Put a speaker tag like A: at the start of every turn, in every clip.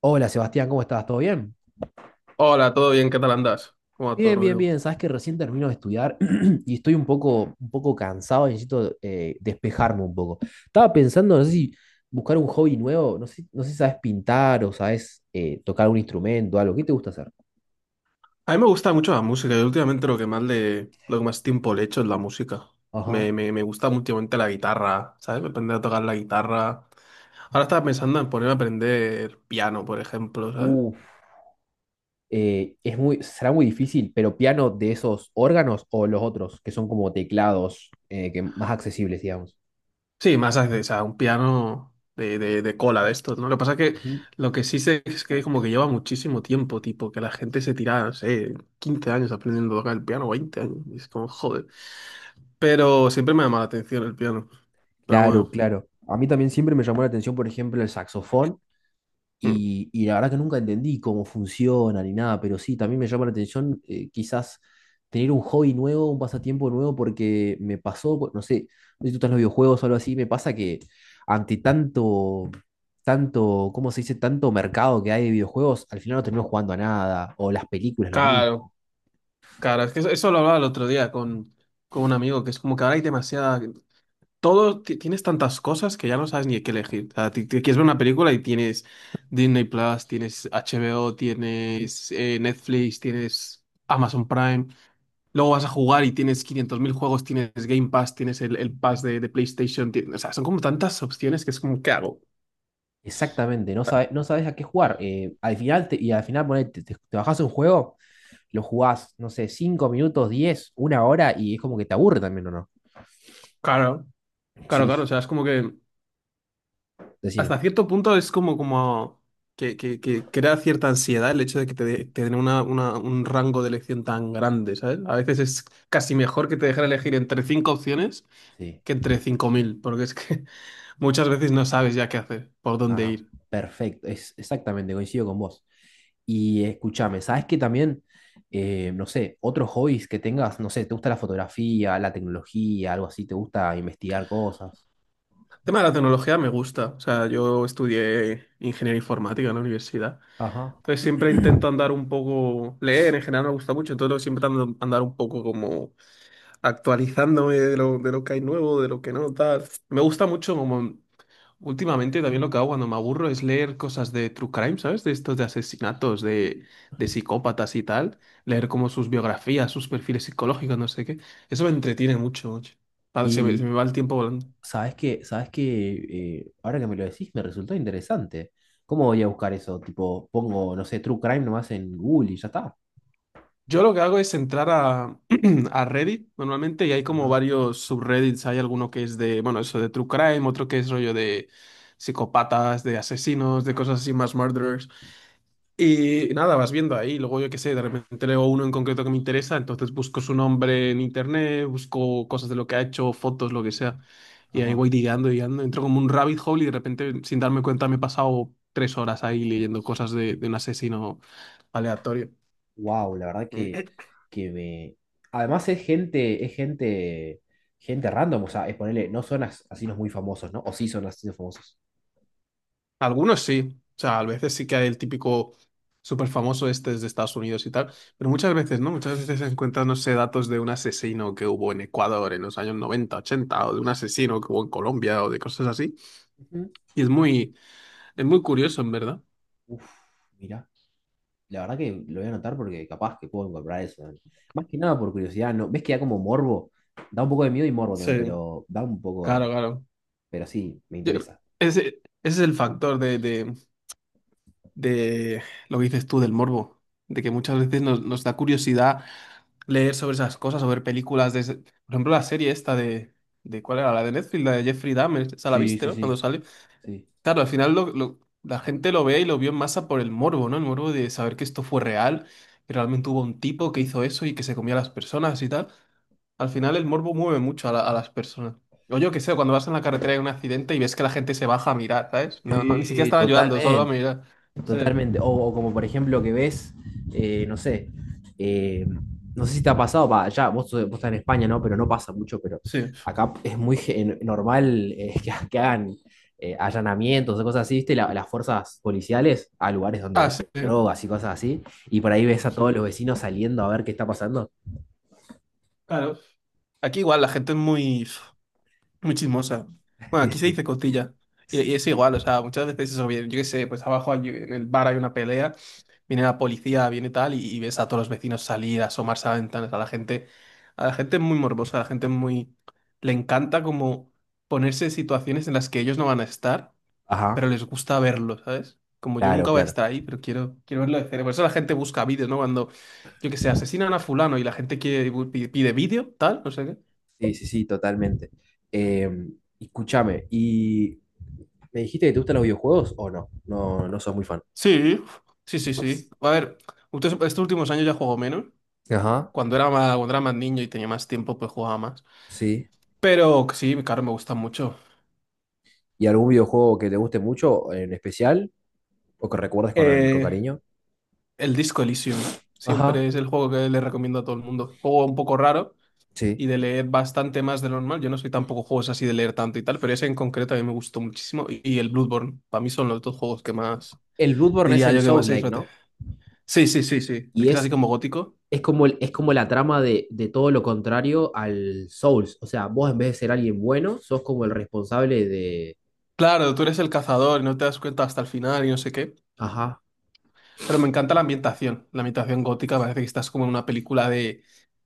A: Hola Sebastián, ¿cómo estás? ¿Todo bien?
B: Hola, ¿todo bien? ¿Qué tal andas? ¿Cómo va todo,
A: Bien, bien, bien.
B: Rodrigo?
A: Sabes que recién termino de estudiar y estoy un poco cansado y necesito despejarme un poco. Estaba pensando, no sé si buscar un hobby nuevo, no sé si sabes pintar o sabes tocar un instrumento, algo. ¿Qué te gusta hacer?
B: A mí me gusta mucho la música y últimamente lo que más tiempo le echo es la música.
A: Ajá.
B: Me gusta últimamente la guitarra, ¿sabes? Aprender a tocar la guitarra. Ahora estaba pensando en ponerme a aprender piano, por ejemplo, ¿sabes?
A: Uf, será muy difícil, pero piano de esos órganos o los otros, que son como teclados que más accesibles, digamos.
B: Sí, más acceso, o sea, un piano de cola de estos, ¿no? Lo que pasa es que
A: Ujú.
B: lo que sí sé es que como que lleva muchísimo tiempo, tipo, que la gente se tira, no sé, 15 años aprendiendo a tocar el piano, 20 años. Y es como, joder. Pero siempre me ha llamado la atención el piano. Pero
A: Claro,
B: bueno.
A: claro. A mí también siempre me llamó la atención, por ejemplo, el saxofón.
B: Mm.
A: Y la verdad que nunca entendí cómo funciona ni nada, pero sí, también me llama la atención, quizás tener un hobby nuevo, un pasatiempo nuevo, porque me pasó, pues, no sé si tú estás en los videojuegos o algo así. Me pasa que ante ¿cómo se dice? Tanto mercado que hay de videojuegos, al final no termino jugando a nada, o las películas, lo
B: Claro,
A: mismo.
B: claro, es que eso lo hablaba el otro día con un amigo, que es como que ahora hay demasiada. Todo, tienes tantas cosas que ya no sabes ni qué elegir. O sea, ti- ti quieres ver una película y tienes Disney Plus, tienes HBO, tienes Netflix, tienes Amazon Prime. Luego vas a jugar y tienes 500.000 juegos, tienes Game Pass, tienes el Pass de PlayStation. O sea, son como tantas opciones que es como, ¿qué hago?
A: Exactamente, no sabes a qué jugar. Y al final ponele, te bajás un juego, lo jugás, no sé, 5 minutos, 10, una hora, y es como que te aburre también, ¿o no?
B: Claro, claro,
A: Sí,
B: claro.
A: sí.
B: O sea, es como que
A: Decime.
B: hasta cierto punto es como que crea cierta ansiedad el hecho de que te den un rango de elección tan grande, ¿sabes? A veces es casi mejor que te dejen elegir entre cinco opciones
A: Sí,
B: que entre 5.000, porque es que muchas veces no sabes ya qué hacer, por dónde
A: ajá,
B: ir.
A: perfecto, es exactamente, coincido con vos. Y escúchame, ¿sabes que también, no sé, otros hobbies que tengas, no sé, te gusta la fotografía, la tecnología, algo así? ¿Te gusta investigar cosas?
B: El tema de la tecnología me gusta, o sea, yo estudié ingeniería informática en la universidad.
A: Ajá.
B: Entonces siempre intento andar un poco, leer en general me gusta mucho, entonces siempre andar un poco como actualizándome de lo que hay nuevo, de lo que no, tal. Me gusta mucho como últimamente también lo que hago cuando me aburro es leer cosas de true crime, ¿sabes? De estos de asesinatos, de psicópatas y tal. Leer como sus biografías, sus perfiles psicológicos, no sé qué. Eso me entretiene mucho, mucho. Ah, se me
A: Y
B: va el tiempo volando.
A: sabes que ahora que me lo decís, me resultó interesante. ¿Cómo voy a buscar eso? Tipo, pongo, no sé, True Crime nomás en Google y ya está.
B: Yo lo que hago es entrar a, a Reddit normalmente y hay como
A: Ajá.
B: varios subreddits. Hay alguno que es de, bueno, eso de true crime, otro que es rollo de psicópatas, de asesinos, de cosas así, más murderers. Y nada, vas viendo ahí, luego yo qué sé, de repente leo uno en concreto que me interesa, entonces busco su nombre en internet, busco cosas de lo que ha hecho, fotos, lo que sea, y ahí
A: Ajá.
B: voy digando, digando, entro como un rabbit hole y de repente, sin darme cuenta, me he pasado 3 horas ahí leyendo cosas de un asesino aleatorio.
A: Wow, la verdad que, que me. Además es gente random, o sea, es ponerle, no son asesinos muy famosos, ¿no? ¿O sí son asesinos famosos?
B: Algunos sí, o sea, a veces sí que hay el típico súper famoso este es de Estados Unidos y tal, pero muchas veces no, muchas veces se encuentran, no sé, datos de un asesino que hubo en Ecuador en los años 90 80 o de un asesino que hubo en Colombia, o de cosas así,
A: Ujú.
B: y es muy curioso, en verdad.
A: Uf, mira, la verdad que lo voy a anotar porque capaz que puedo encontrar eso, ¿no? Más que nada por curiosidad, ¿no? ¿Ves que da como morbo? Da un poco de miedo y morbo también,
B: Sí,
A: pero da un poco de.
B: claro, claro.
A: Pero sí, me
B: Yo-
A: interesa.
B: ese es el factor de lo que dices tú, del morbo, de que muchas veces nos da curiosidad leer sobre esas cosas, o ver películas de. Por ejemplo, la serie esta de ¿cuál era? La de Netflix, la de Jeffrey Dahmer, esa la
A: Sí,
B: viste,
A: sí,
B: ¿no? Cuando
A: sí,
B: sale.
A: sí.
B: Claro, al final la gente lo ve y lo vio en masa por el morbo, ¿no? El morbo de saber que esto fue real, que realmente hubo un tipo que hizo eso y que se comía a las personas y tal. Al final el morbo mueve mucho a las personas. O yo qué sé, cuando vas en la carretera y hay un accidente y ves que la gente se baja a mirar, ¿sabes? No, no, ni siquiera
A: Sí,
B: están ayudando, solo a
A: totalmente.
B: mirar. Sí.
A: Totalmente. O como por ejemplo que ves, no sé, eh, no sé si te ha pasado, va, ya, vos, vos estás en España, ¿no? Pero no pasa mucho, pero
B: Sí.
A: acá es muy normal, que hagan allanamientos o cosas así, ¿viste? Las fuerzas policiales a lugares donde
B: Ah, sí,
A: venden drogas y cosas así, y por ahí ves a
B: sí.
A: todos los vecinos saliendo a ver qué está pasando.
B: Claro. Aquí igual la gente es muy, muy chismosa. Bueno,
A: Sí,
B: aquí se
A: sí.
B: dice cotilla. Y es igual, o sea, muchas veces eso viene, yo qué sé, pues abajo en el bar hay una pelea, viene la policía, viene tal, y ves a todos los vecinos salir, asomarse a las ventanas, a la gente es muy morbosa, a la gente es muy, le encanta como ponerse en situaciones en las que ellos no van a estar
A: Ajá,
B: pero les gusta verlo, ¿sabes? Como yo
A: claro,
B: nunca voy a
A: claro.
B: estar ahí, pero quiero verlo de cerca. Por eso la gente busca vídeos, ¿no? Cuando, yo que sé, asesinan a fulano y la gente quiere, pide vídeo, tal, no sé qué.
A: Sí, sí, sí, totalmente. Eh, escúchame, ¿y me dijiste que te gustan los videojuegos o no? No, no sos muy fan.
B: Sí, sí, sí, sí. A ver, ustedes estos últimos años ya juego menos.
A: Ajá,
B: Cuando era más niño y tenía más tiempo, pues jugaba más.
A: sí.
B: Pero que sí, claro, me gusta mucho.
A: ¿Y algún videojuego que te guste mucho en especial o que recuerdes con
B: Eh,
A: cariño?
B: el Disco Elysium.
A: Ajá,
B: Siempre es el juego que le recomiendo a todo el mundo. Juego un poco raro.
A: sí.
B: Y de leer bastante más de lo normal. Yo no soy tampoco juegos así de leer tanto y tal, pero ese en concreto a mí me gustó muchísimo. Y el Bloodborne, para mí son los dos juegos que más,
A: El Bloodborne es
B: diría
A: el
B: yo, que más se
A: Souls-like,
B: disfruté.
A: ¿no?
B: Sí, sí, sí, sí. El
A: Y
B: que es así
A: es,
B: como gótico.
A: es como la trama de todo lo contrario al Souls. O sea, vos en vez de ser alguien bueno, sos como el responsable de...
B: Claro, tú eres el cazador y no te das cuenta hasta el final y no sé qué.
A: Ajá.
B: Pero me encanta la ambientación. La ambientación gótica parece que estás como en una película de,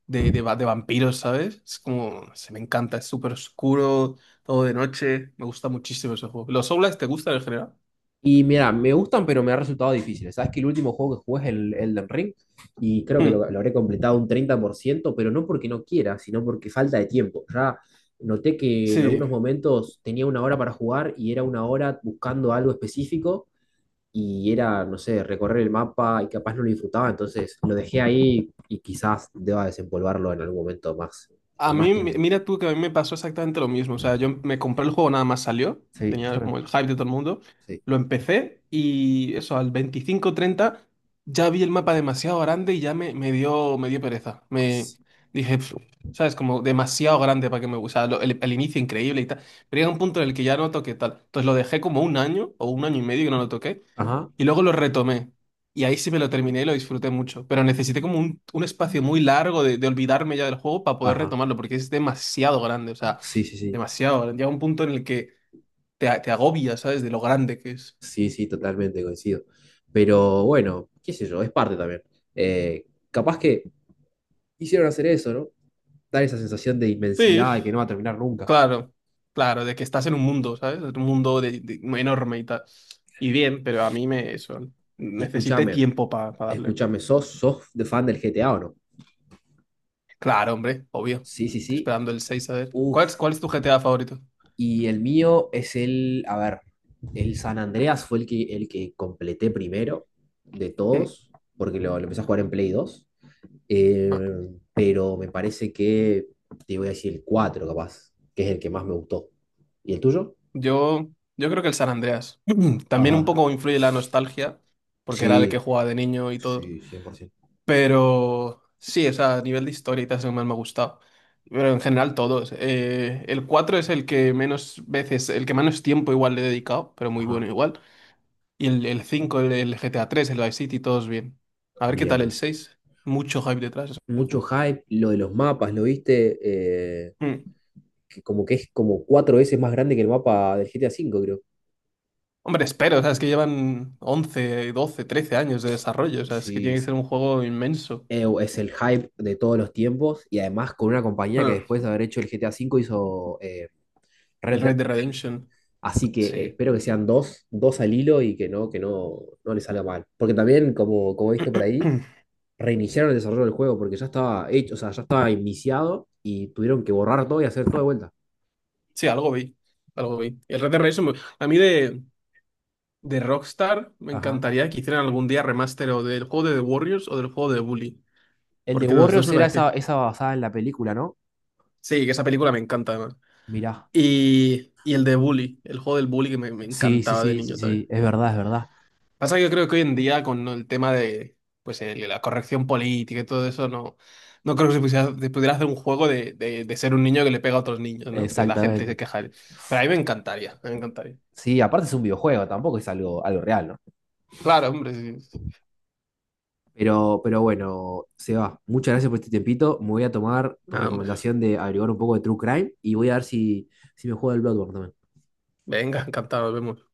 B: de, de, va- de vampiros, ¿sabes? Es como, se me encanta, es súper oscuro, todo de noche. Me gusta muchísimo ese juego. ¿Los Souls te gustan en general?
A: Y mira, me gustan, pero me ha resultado difícil. Sabes que el último juego que jugué es el Elden Ring, y creo que
B: Hmm,
A: lo habré completado un 30%, pero no porque no quiera, sino porque falta de tiempo. Ya noté que en algunos
B: sí.
A: momentos tenía una hora para jugar y era una hora buscando algo específico y era, no sé, recorrer el mapa y capaz no lo disfrutaba, entonces lo dejé ahí y quizás deba desempolvarlo en algún momento más,
B: A
A: con
B: mí,
A: más
B: mi-
A: tiempo.
B: mira tú que a mí me pasó exactamente lo mismo. O sea, yo me compré el juego nada más salió.
A: Sí, yo
B: Tenía
A: también.
B: como el hype de todo el mundo.
A: Sí.
B: Lo empecé y eso, al veinticinco treinta ya vi el mapa demasiado grande y ya me dio pereza. Me dije, "Pf", ¿sabes? Como demasiado grande para que me gusta el inicio increíble y tal. Pero llega un punto en el que ya no toqué tal. Entonces lo dejé como un año o un año y medio que no lo toqué.
A: Ajá,
B: Y luego lo retomé. Y ahí sí me lo terminé y lo disfruté mucho. Pero necesité como un espacio muy largo de olvidarme ya del juego para poder
A: ajá.
B: retomarlo, porque es demasiado grande, o sea,
A: Sí, sí, sí.
B: demasiado grande. Llega un punto en el que te agobias, ¿sabes? De lo grande que es.
A: Sí, sí, totalmente coincido. Pero bueno, qué sé yo, es parte también. Capaz que hicieron hacer eso, ¿no? Dar esa sensación de
B: Sí,
A: inmensidad y que no va a terminar nunca.
B: claro, claro, de que estás en un mundo, ¿sabes? Un mundo muy enorme y tal. Y bien, pero a mí me. Eso,
A: Y
B: necesité
A: escúchame,
B: tiempo para darle.
A: escúchame, ¿sos de fan del GTA o no?
B: Claro, hombre, obvio.
A: Sí, sí,
B: Estoy
A: sí.
B: esperando el 6 a ver. ¿Cuál
A: Uf.
B: es, cuál es tu GTA favorito?
A: Y el mío es el, a ver, el San Andreas fue el que completé primero de
B: Hmm.
A: todos, porque lo empecé a jugar en Play 2. Eh,
B: Ah.
A: pero me parece que te voy a decir el 4 capaz, que es el que más me gustó. ¿Y el tuyo?
B: Yo, yo creo que el San Andreas. También un
A: Ajá.
B: poco influye la nostalgia, porque era el que
A: Sí,
B: jugaba de niño y todo.
A: sí, 100%.
B: Pero sí, o sea, a nivel de historia y tal es el que más me ha gustado. Pero en general todos. El 4 es el que menos veces, el que menos tiempo igual le he dedicado, pero muy bueno
A: Ajá,
B: igual. Y el 5 el GTA 3 el Vice City, todos bien. A ver qué tal el
A: bien.
B: seis. Mucho hype detrás ese
A: Mucho
B: juego.
A: hype, lo de los mapas, ¿lo viste? Eh,
B: Mm.
A: que como que es como cuatro veces más grande que el mapa del GTA V, creo.
B: Hombre, espero, o sea, es que llevan 11, 12, 13 años de desarrollo, o sea, es que
A: Sí,
B: tiene que
A: es,
B: ser un juego inmenso.
A: eh, es el hype de todos los tiempos, y además con una compañía que después de haber hecho el GTA V hizo, Red
B: El
A: Dead
B: Red Dead
A: Redemption.
B: Redemption,
A: Así que,
B: sí.
A: espero que sean dos al hilo y que no les salga mal. Porque también, como he visto por ahí, reiniciaron el desarrollo del juego porque ya estaba hecho, o sea, ya estaba iniciado y tuvieron que borrar todo y hacer todo de vuelta.
B: Sí, algo vi, algo vi. El Red Dead Redemption, a mí de Rockstar me
A: Ajá.
B: encantaría que hicieran algún día remaster o del juego de The Warriors o del juego de Bully,
A: El de
B: porque los dos
A: Warriors
B: me
A: era esa,
B: parece.
A: esa basada en la película, ¿no?
B: Sí, que esa película me encanta además.
A: Mirá.
B: Y el de Bully, el juego del Bully que me
A: Sí, sí,
B: encantaba de
A: sí, sí,
B: niño también.
A: sí. Es verdad, es verdad.
B: Pasa que yo creo que hoy en día con el tema de pues la corrección política y todo eso, no creo que se pudiera hacer un juego de ser un niño que le pega a otros niños, ¿no? Que la gente se
A: Exactamente.
B: queja. Pero a mí me encantaría, me encantaría.
A: Sí, aparte es un videojuego, tampoco es algo real, ¿no?
B: Claro, hombre, sí. Sí.
A: Pero bueno, Seba, muchas gracias por este tiempito. Me voy a tomar tu
B: Ah, hombre.
A: recomendación de averiguar un poco de True Crime y voy a ver si me juego el Bloodborne también.
B: Venga, encantado, nos vemos.